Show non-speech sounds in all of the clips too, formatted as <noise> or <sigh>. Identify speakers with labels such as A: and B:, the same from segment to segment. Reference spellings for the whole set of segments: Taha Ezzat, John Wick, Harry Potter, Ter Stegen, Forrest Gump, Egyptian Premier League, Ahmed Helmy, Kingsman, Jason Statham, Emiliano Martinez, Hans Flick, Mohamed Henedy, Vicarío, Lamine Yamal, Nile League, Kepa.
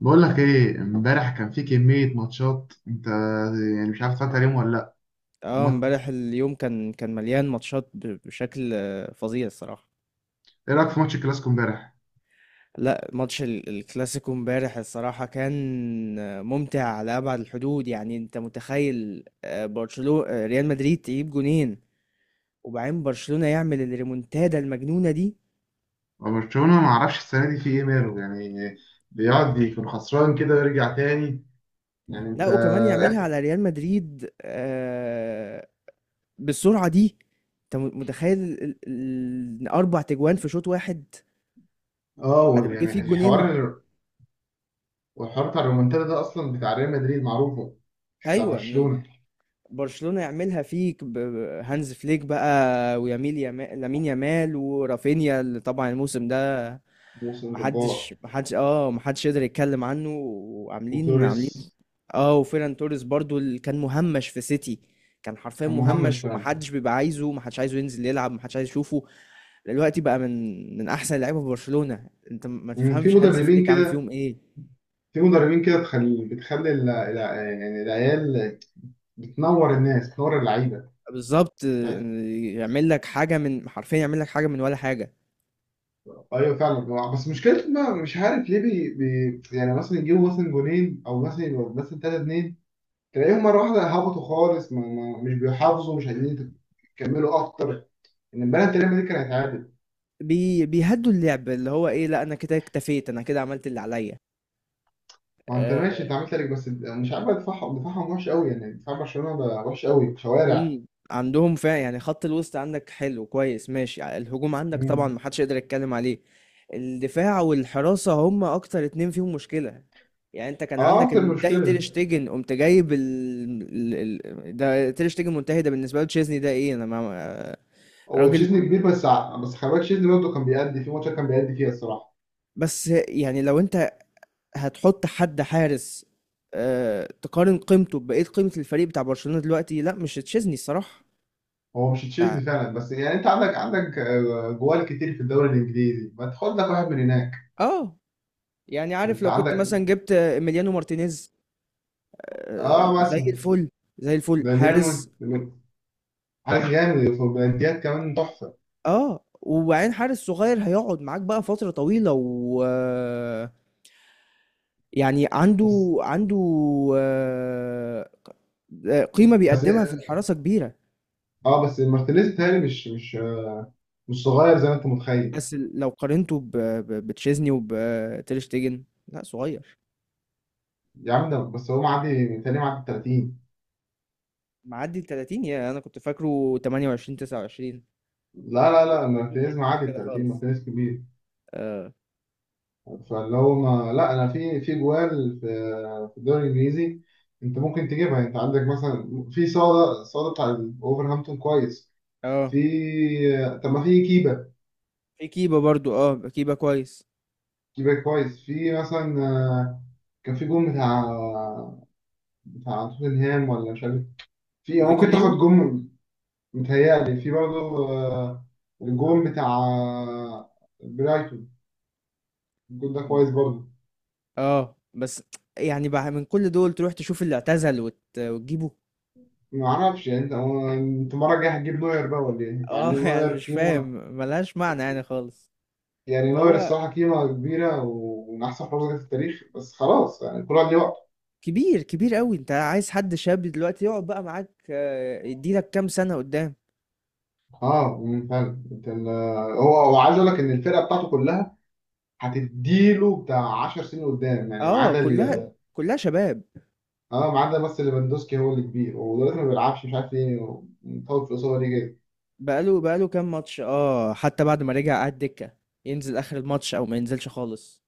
A: بقول لك ايه، امبارح كان في كمية ماتشات. انت يعني مش عارف اتفرجت عليهم ولا لا؟
B: اه
A: ما...
B: امبارح اليوم كان مليان ماتشات بشكل فظيع الصراحة.
A: ايه رأيك في ماتش الكلاسيكو امبارح؟
B: لا، ماتش الكلاسيكو امبارح الصراحة كان ممتع على أبعد الحدود، يعني انت متخيل برشلونة ريال مدريد تجيب جونين، وبعدين برشلونة يعمل الريمونتادا المجنونة دي.
A: برشلونة ما اعرفش السنة دي في ايه، ماله يعني، بيقعد يكون خسران كده ويرجع تاني. يعني
B: لا،
A: انت.
B: وكمان يعملها على ريال مدريد، بالسرعة دي. انت متخيل إن أربع تجوان في شوط واحد
A: اه
B: بعد ما جه
A: يعني
B: فيه جونين؟
A: الحوار، والحوار بتاع الرومنتادا ده اصلا بتاع ريال مدريد، معروفة، مش بتاع
B: ايوه،
A: برشلونة.
B: برشلونة يعملها فيك هانز فليك بقى، ويميل يامال لامين يامال ورافينيا اللي طبعا الموسم ده
A: موسم جبار.
B: محدش يقدر يتكلم عنه، وعاملين عاملين.
A: وتوريس.
B: اه، وفيران توريس برضو اللي كان مهمش في سيتي، كان حرفيا
A: كان مهمش
B: مهمش،
A: فعلا.
B: ومحدش بيبقى عايزه، محدش عايزه ينزل يلعب، محدش عايز يشوفه. دلوقتي بقى من احسن اللعيبه في برشلونة، انت ما
A: في
B: تفهمش هانز
A: مدربين
B: فليك عامل
A: كده،
B: فيهم ايه.
A: في مدربين كده بتخلي يعني العيال، بتنور الناس، بتنور اللعيبة.
B: بالظبط، يعمل لك حاجه من، حرفيا يعمل لك حاجه من ولا حاجه.
A: ايوه فعلا. بس مشكلته، ما مش عارف ليه، يعني مثلا يجيبوا مثلا جونين، او مثلا يبقوا مثلا 3-2، تلاقيهم مره واحده هبطوا خالص، ما... ما... مش بيحافظوا، مش عايزين يكملوا اكتر. ان البلد تقريبا دي كان هيتعادل.
B: بيهدوا اللعب، اللي هو ايه، لا انا كده اكتفيت، انا كده عملت اللي عليا.
A: ما انت
B: آه،
A: ماشي، انت عملت لك، بس مش عارف دفاعهم، دفاعهم وحش قوي، يعني دفاع برشلونه بقى وحش قوي شوارع.
B: عندهم فعلا، يعني خط الوسط عندك حلو كويس ماشي، الهجوم عندك طبعا
A: مم.
B: محدش يقدر يتكلم عليه. الدفاع والحراسة هم اكتر اتنين فيهم مشكلة. يعني انت كان
A: اه،
B: عندك
A: انت
B: المنتهي تير
A: المشكله.
B: شتيجن، قمت جايب ده تير شتيجن منتهي، ده بالنسبة له تشيزني ده ايه، انا ما... آه،
A: هو
B: راجل.
A: تشيزني كبير، بس خلي بالك تشيزني برضه كان بيأدي، في ماتش كان بيأدي فيها الصراحه.
B: بس يعني لو انت هتحط حد حارس تقارن قيمته ببقية قيمة الفريق بتاع برشلونة دلوقتي، لا مش تشيزني الصراحة.
A: هو مش
B: تع-
A: تشيلسي فعلا، بس يعني انت عندك جوال كتير في الدوري الانجليزي، ما تاخد لك واحد من هناك؟
B: اه، يعني عارف
A: انت
B: لو كنت
A: عندك.
B: مثلا جبت إيميليانو مارتينيز
A: اه
B: زي
A: مثلا.
B: الفل، زي الفل
A: ده
B: حارس.
A: عارف، جامد في البلانتيات كمان، تحفه.
B: اه، وبعدين حارس صغير هيقعد معاك بقى فترة طويلة و يعني
A: بس
B: عنده آه، قيمة
A: بس
B: بيقدمها في الحراسة كبيرة.
A: اه، بس مارتينيز تاني، مش صغير زي ما انت متخيل.
B: بس لو قارنته بتشيزني وبتير شتيجن، لا صغير.
A: يا عم، ده بس هو معدي تاني، معدي ال 30.
B: معدي ال 30، يا انا كنت فاكره 28 29،
A: لا لا
B: شكله
A: لا،
B: شكله ما
A: مارتينيز
B: يديش
A: معدي ال
B: كده
A: 30،
B: خالص.
A: مارتينيز كبير.
B: اه،
A: فاللي هو ما، لا، انا في جوال، في الدوري الانجليزي انت ممكن تجيبها. انت عندك مثلا في صاله بتاع اوفرهامبتون، كويس.
B: اه،
A: في، طب ما في كيبا.
B: في كيبا برضو، اه كيبا كويس.
A: كيبا كويس. في مثلا، كان في جون بتاع بتاع توتنهام ولا مش عارف، في، ممكن
B: فيكاريو.
A: تاخد جون. متهيألي في برضه الجون بتاع برايتون، الجون ده كويس برضه.
B: اه، بس يعني بقى من كل دول تروح تشوف اللي اعتزل وتجيبه؟
A: ما اعرفش يعني انت، هو انت المره الجايه هتجيب نوير بقى ولا ايه؟ يعني
B: اه <laughs> يعني
A: نوير
B: مش فاهم،
A: قيمه.
B: ملهاش معنى يعني خالص.
A: يعني نوير
B: هو
A: الصراحة قيمة كبيرة، ومن أحسن حراس جت في التاريخ. بس خلاص، يعني كل واحد ليه وقته.
B: كبير، كبير قوي، انت عايز حد شاب دلوقتي يقعد بقى معاك، يديلك كام سنة قدام.
A: اه، فعلا. أنت هو، عايز أقول لك إن الفرقة بتاعته كلها هتديله بتاع 10 سنين قدام، يعني ما
B: اه،
A: عدا
B: كلها، كلها شباب.
A: اه، ما عدا بس ليفاندوسكي، هو اللي كبير، ودلوقتي ما بيلعبش، مش عارف ليه مطول في الإصابة دي جاي.
B: بقاله كام ماتش، اه، حتى بعد ما رجع قعد دكة، ينزل اخر الماتش او ما ينزلش خالص.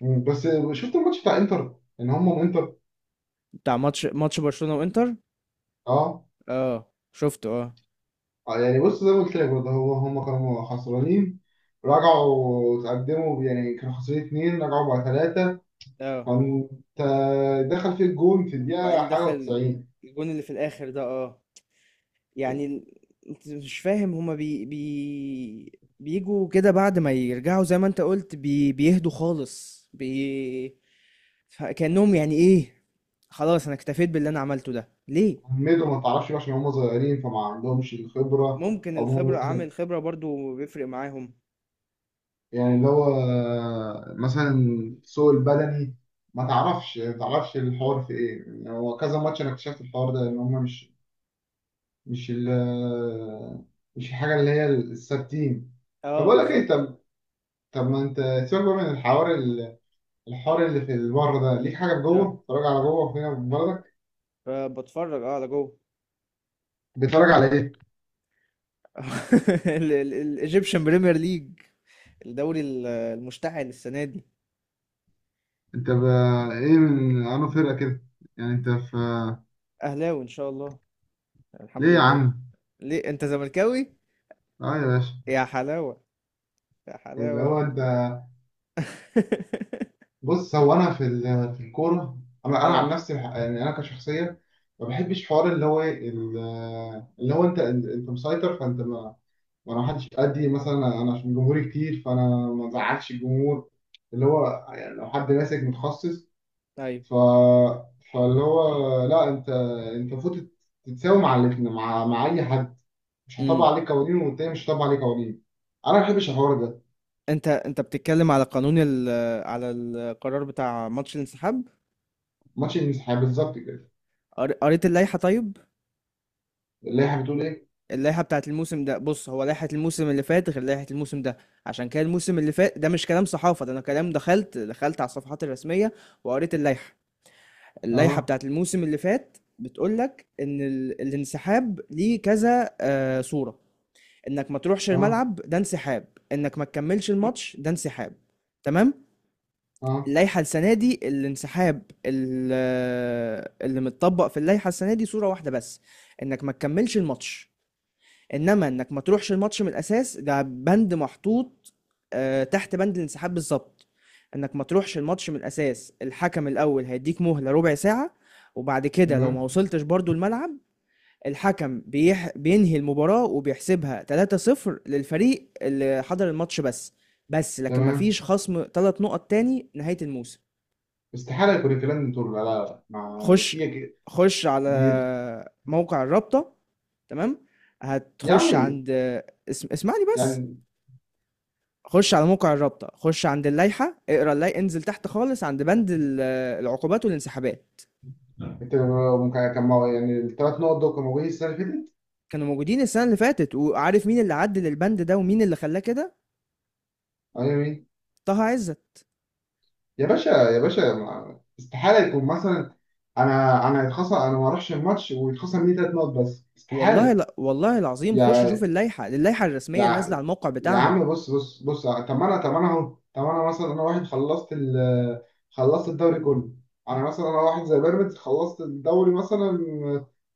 A: مم، بس. شفت الماتش بتاع إنتر؟ إن هم من إنتر.
B: بتاع ماتش برشلونة وانتر؟
A: اه.
B: اه، شفته اه.
A: يعني بص، زي ما قلت لك برضه، هو هم كانوا خسرانين، رجعوا تقدموا، يعني كانوا خسرانين اتنين رجعوا بقى ثلاثة.
B: اه،
A: كنت. دخل فيه الجون في الدقيقة
B: وبعدين
A: حاجة
B: دخل
A: و90.
B: الجون اللي في الاخر ده، اه، يعني انت مش فاهم هما بي بي بيجوا كده بعد ما يرجعوا، زي ما انت قلت بيهدوا خالص كأنهم يعني ايه، خلاص انا اكتفيت باللي انا عملته ده ليه.
A: عمدوا، ما تعرفش بقى، عشان هم صغيرين فما عندهمش الخبرة.
B: ممكن
A: أو هم
B: الخبرة،
A: مثلا،
B: عامل خبرة برضو بيفرق معاهم.
A: يعني اللي هو، مثلا، سوق البدني، ما تعرفش الحوار في إيه، يعني هو كذا ماتش أنا اكتشفت الحوار ده، إن هم مش ال مش الحاجة اللي هي الثابتين. طب
B: اه،
A: أقول لك إيه؟
B: بالظبط.
A: طب، طب ما أنت سيبك بقى من الحوار الحوار اللي في بره ده، ليك حاجة في جوه؟
B: اه،
A: بتتفرج على جوه فينا في بلدك؟
B: فبتفرج على جوه.
A: بتتفرج على إيه؟
B: <laughs> الايجيبشن بريمير ليج. <laughs> الدوري المشتعل السنه دي.
A: انت بقى ايه، من انو فرقه كده؟ يعني انت في.
B: اهلاوي ان شاء الله، الحمد
A: ليه يا
B: لله.
A: عم؟
B: ليه، انت زملكاوي؟
A: اه يا باشا.
B: يا حلاوه، يا
A: اللي
B: حلاوه.
A: هو انت،
B: <laughs>
A: بص، هو انا في في الكوره، انا عن
B: اه،
A: نفسي يعني انا كشخصيه، ما بحبش حوار اللي هو ايه اللي هو انت مسيطر، فانت ما، ما انا حدش قدي، مثلا انا عشان جمهوري كتير، فانا ما ازعلش الجمهور، اللي هو يعني لو حد ماسك متخصص.
B: ايوه،
A: ف، فاللي هو، لا، انت المفروض تتساوي مع مع اي حد، مش هطبق
B: امم.
A: عليه قوانين والتاني مش هطبق عليه قوانين. انا ما بحبش الحوار ده.
B: انت بتتكلم على قانون ال على القرار بتاع ماتش الانسحاب.
A: ماتش المسيحية بالظبط كده.
B: قريت اللائحه، طيب.
A: اللائحه بتقول ايه؟
B: اللائحة بتاعت الموسم ده، بص، هو لائحة الموسم اللي فات غير لائحة الموسم ده. عشان كده الموسم اللي فات، ده مش كلام صحافة، ده انا كلام، دخلت على الصفحات الرسمية وقريت اللائحة. اللائحة
A: اه،
B: بتاعت الموسم اللي فات بتقولك ان الانسحاب ليه كذا صورة: انك ما تروحش
A: اه،
B: الملعب ده انسحاب، انك ما تكملش الماتش ده انسحاب، تمام.
A: اه.
B: اللائحة السنة دي، الانسحاب اللي متطبق في اللائحة السنة دي صورة واحدة بس: انك ما تكملش الماتش. انما انك ما تروحش الماتش من الاساس، ده بند محطوط تحت بند الانسحاب بالظبط. انك ما تروحش الماتش من الاساس، الحكم الاول هيديك مهلة ربع ساعة، وبعد كده لو ما
A: تمام.
B: وصلتش برضو الملعب، الحكم بينهي المباراة وبيحسبها 3-0 للفريق اللي حضر الماتش بس. بس لكن ما
A: تمام.
B: فيش خصم 3 نقط تاني نهاية الموسم.
A: استحاله يكون الكلام ده طول، لا لا لا ما
B: خش،
A: في
B: خش على
A: دي.
B: موقع الرابطة. تمام،
A: يا
B: هتخش
A: عمي،
B: عند. اسمعني بس.
A: يعني
B: خش على موقع الرابطة، خش عند اللائحة، اقرا اللائحة، انزل تحت خالص عند بند العقوبات والانسحابات.
A: انت ممكن كان يعني الثلاث نقط دول كانوا موجودين السنه اللي فاتت.
B: كانوا موجودين السنة اللي فاتت، وعارف مين اللي عدل البند ده ومين اللي خلاه كده؟
A: ايوه، يا مين؟
B: طه عزت.
A: يا باشا يا باشا، استحاله يكون مثلا، انا يتخصم، انا ما اروحش الماتش ويتخصم لي ثلاث نقط بس؟
B: والله،
A: استحاله.
B: لا والله العظيم، خش شوف
A: يعني،
B: اللائحة، اللائحة الرسمية اللي نازلة على
A: يا،
B: الموقع
A: يا
B: بتاعهم.
A: عم بص بص بص، طب ما انا اهو، طب انا مثلا، انا واحد خلصت خلصت الدوري كله. انا مثلا انا واحد زي بيراميدز، خلصت الدوري مثلا،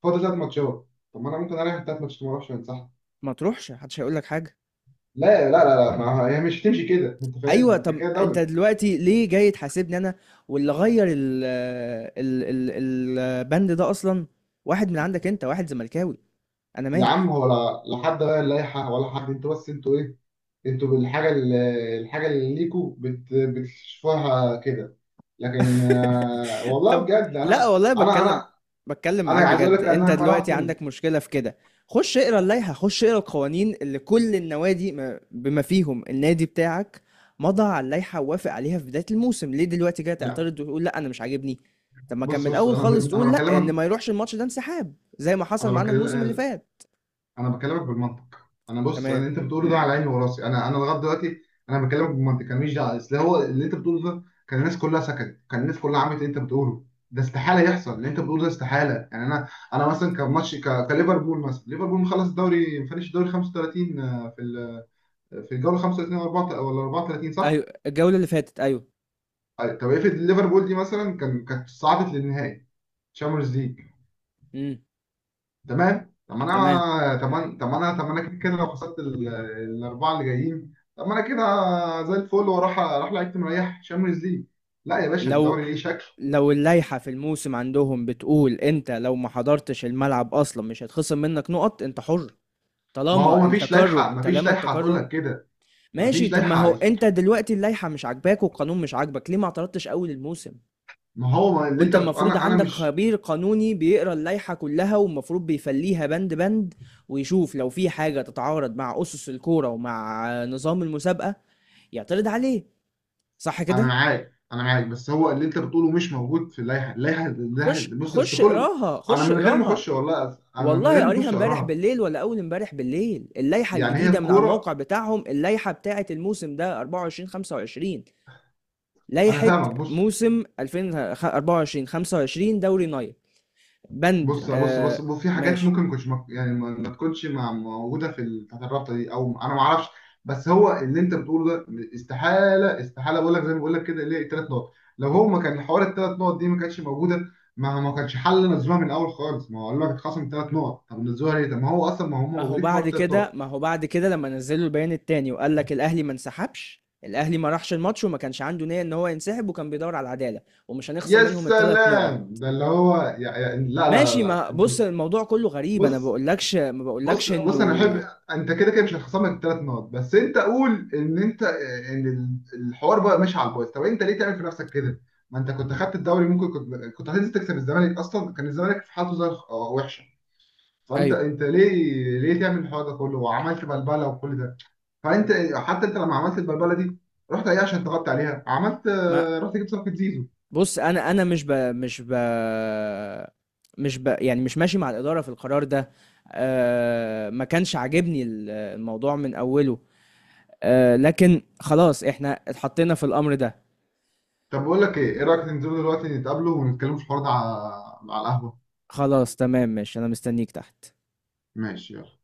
A: فاضل ثلاث ماتشات. طب ما انا ممكن اريح الثلاث ماتشات، ما اروحش، انسحب.
B: ما تروحش، محدش هيقول لك حاجة.
A: لا لا لا. لا ما هي مش تمشي كده. <laughs> انت فاهم؟ ما
B: ايوه،
A: انت
B: طب
A: كده
B: انت
A: دوري.
B: دلوقتي ليه جاي تحاسبني انا، واللي غير ال ال ال البند ده اصلا واحد من عندك، انت واحد زملكاوي، انا
A: يا
B: مالي.
A: عم، هو لا، لا حد غير اللائحه ولا حد، انتوا بس انتوا ايه، انتوا بالحاجه اللي، الحاجه اللي ليكوا بتشوفوها كده. لكن
B: <laughs>
A: والله
B: طب
A: بجد
B: لا،
A: انا،
B: والله
A: انا
B: بتكلم،
A: انا انا
B: معاك
A: عايز اقول
B: بجد،
A: لك ان
B: انت
A: انا
B: دلوقتي
A: كرهت.
B: عندك مشكلة في كده؟ خش اقرا اللائحة، خش اقرا القوانين اللي كل النوادي بما فيهم النادي بتاعك مضى على اللائحة ووافق عليها في بداية الموسم. ليه دلوقتي جاي
A: يعني
B: تعترض وتقول لا انا مش عاجبني؟ طب ما كان من
A: بص بص،
B: الاول
A: انا
B: خالص
A: انا
B: تقول لا، ان
A: بكلمك،
B: ما يروحش الماتش ده انسحاب زي ما حصل
A: انا
B: معانا الموسم اللي
A: بكلم،
B: فات.
A: انا بكلمك بالمنطق انا، بص، انا
B: تمام.
A: انت بتقوله ده على عيني وراسي، انا لغايه دلوقتي انا بكلمك بالمنطق، انا ماليش دعوه. اصل هو اللي انت بتقوله ده، كان الناس كلها سكتت، كان الناس كلها عملت اللي انت بتقوله. ده استحاله يحصل، اللي انت بتقوله ده استحاله. يعني انا، انا مثلا كماتش، كليفربول مثلا، ليفربول مخلص الدوري، فinish الدوري 35، في في الجوله 35 ولا 4 ولا 34
B: ايوه،
A: صح؟
B: الجولة اللي فاتت، ايوه.
A: طب افرض ليفربول دي مثلا كانت صعدت للنهائي تشامبيونز ليج.
B: امم.
A: تمام. طب ما
B: تمام.
A: انا، طب ما انا كده، كده لو خسرت الاربعه اللي جايين، طب ما انا كده زي الفل، واروح، لعيبه مريح شامبيونز ليج. لا يا باشا،
B: لو
A: الدوري ليه شكل.
B: لو اللائحة في الموسم عندهم بتقول انت لو ما حضرتش الملعب اصلا مش هيتخصم منك نقط، انت حر.
A: ما هو
B: طالما
A: ما فيش
B: التكرر،
A: لائحه، ما فيش
B: طالما
A: لائحه هتقول
B: التكرر.
A: لك كده. ما
B: ماشي،
A: فيش
B: طب ما
A: لائحه
B: هو انت دلوقتي اللائحة مش عاجباك والقانون مش عاجبك، ليه ما اعترضتش اول الموسم؟
A: ما هو، ما اللي
B: وانت
A: انت بتقول،
B: المفروض
A: انا انا
B: عندك
A: مش.
B: خبير قانوني بيقرا اللائحة كلها، والمفروض بيفليها بند بند، ويشوف لو في حاجة تتعارض مع اسس الكورة ومع نظام المسابقة يعترض عليه، صح
A: انا
B: كده؟
A: معاك، انا معاك، بس هو اللي انت بتقوله مش موجود في اللائحه، اللائحه
B: خش،
A: بص
B: خش
A: اصل كل.
B: اقراها،
A: انا
B: خش
A: من غير ما اخش،
B: اقراها.
A: والله انا من
B: والله
A: غير ما
B: قاريها
A: اخش
B: امبارح
A: اقراها.
B: بالليل ولا اول امبارح بالليل، اللائحه
A: يعني هي
B: الجديده، من على
A: الكوره.
B: الموقع بتاعهم، اللائحه بتاعه الموسم ده 24 25،
A: انا
B: لائحه
A: فاهمك. بص
B: موسم 2024 25 دوري نايل، بند
A: بص بص بص بص، في حاجات
B: ماشي.
A: ممكن ما كنتش يعني ما تكونش موجوده في بتاعت الرابطه دي، او انا ما اعرفش. بس هو اللي انت بتقوله ده استحاله بقول لك، زي ما بقول لك كده، ليه الثلاث نقط؟ لو هو ما كان حوار الثلاث نقط دي ما كانتش موجوده، ما كانش حل نزلوها من الاول خالص. ما هو قالوا لك اتخصم ثلاث نقط، طب نزلوها ليه؟ طب ما هو اصلا ما هم موجودين في حوار الثلاث نقط.
B: ما هو بعد كده لما نزلوا البيان التاني، وقال لك الاهلي ما انسحبش، الاهلي ما راحش الماتش وما كانش عنده نيه ان هو ينسحب، وكان بيدور على العداله، ومش هنخصم
A: يا
B: منهم الثلاث
A: سلام،
B: نقط.
A: ده اللي هو، يا لا لا لا
B: ماشي،
A: لا
B: ما
A: انتوا.
B: بص، الموضوع كله غريب، انا
A: بص
B: بقولكش، ما
A: بص
B: بقولكش
A: بص، انا
B: انه.
A: احب، انت كده كده مش هتخصمك الثلاث نقط، بس انت قول ان انت، ان الحوار بقى ماشي على البايظ. طب انت ليه تعمل في نفسك كده؟ ما انت كنت خدت الدوري، ممكن كنت هتنزل تكسب الزمالك، اصلا كان الزمالك في حالته زي وحشه. فانت،
B: ايوه،
A: ليه ليه تعمل الحوار ده كله، وعملت بلبله وكل ده؟ فانت حتى انت لما عملت البلبله دي، رحت ايه عشان تغطي عليها؟ عملت،
B: ما
A: رحت جبت صفقه زيزو.
B: بص، انا مش ب... مش ب... مش ب... يعني مش ماشي مع الاداره في القرار ده. ما كانش عاجبني الموضوع من اوله، لكن خلاص احنا اتحطينا في الامر ده.
A: طب بقول لك ايه، ايه رايك ننزلوا دلوقتي نتقابلوا ونتكلموا في الحوار ده على القهوه؟
B: خلاص، تمام، ماشي، انا مستنيك تحت.
A: ماشي، يلا.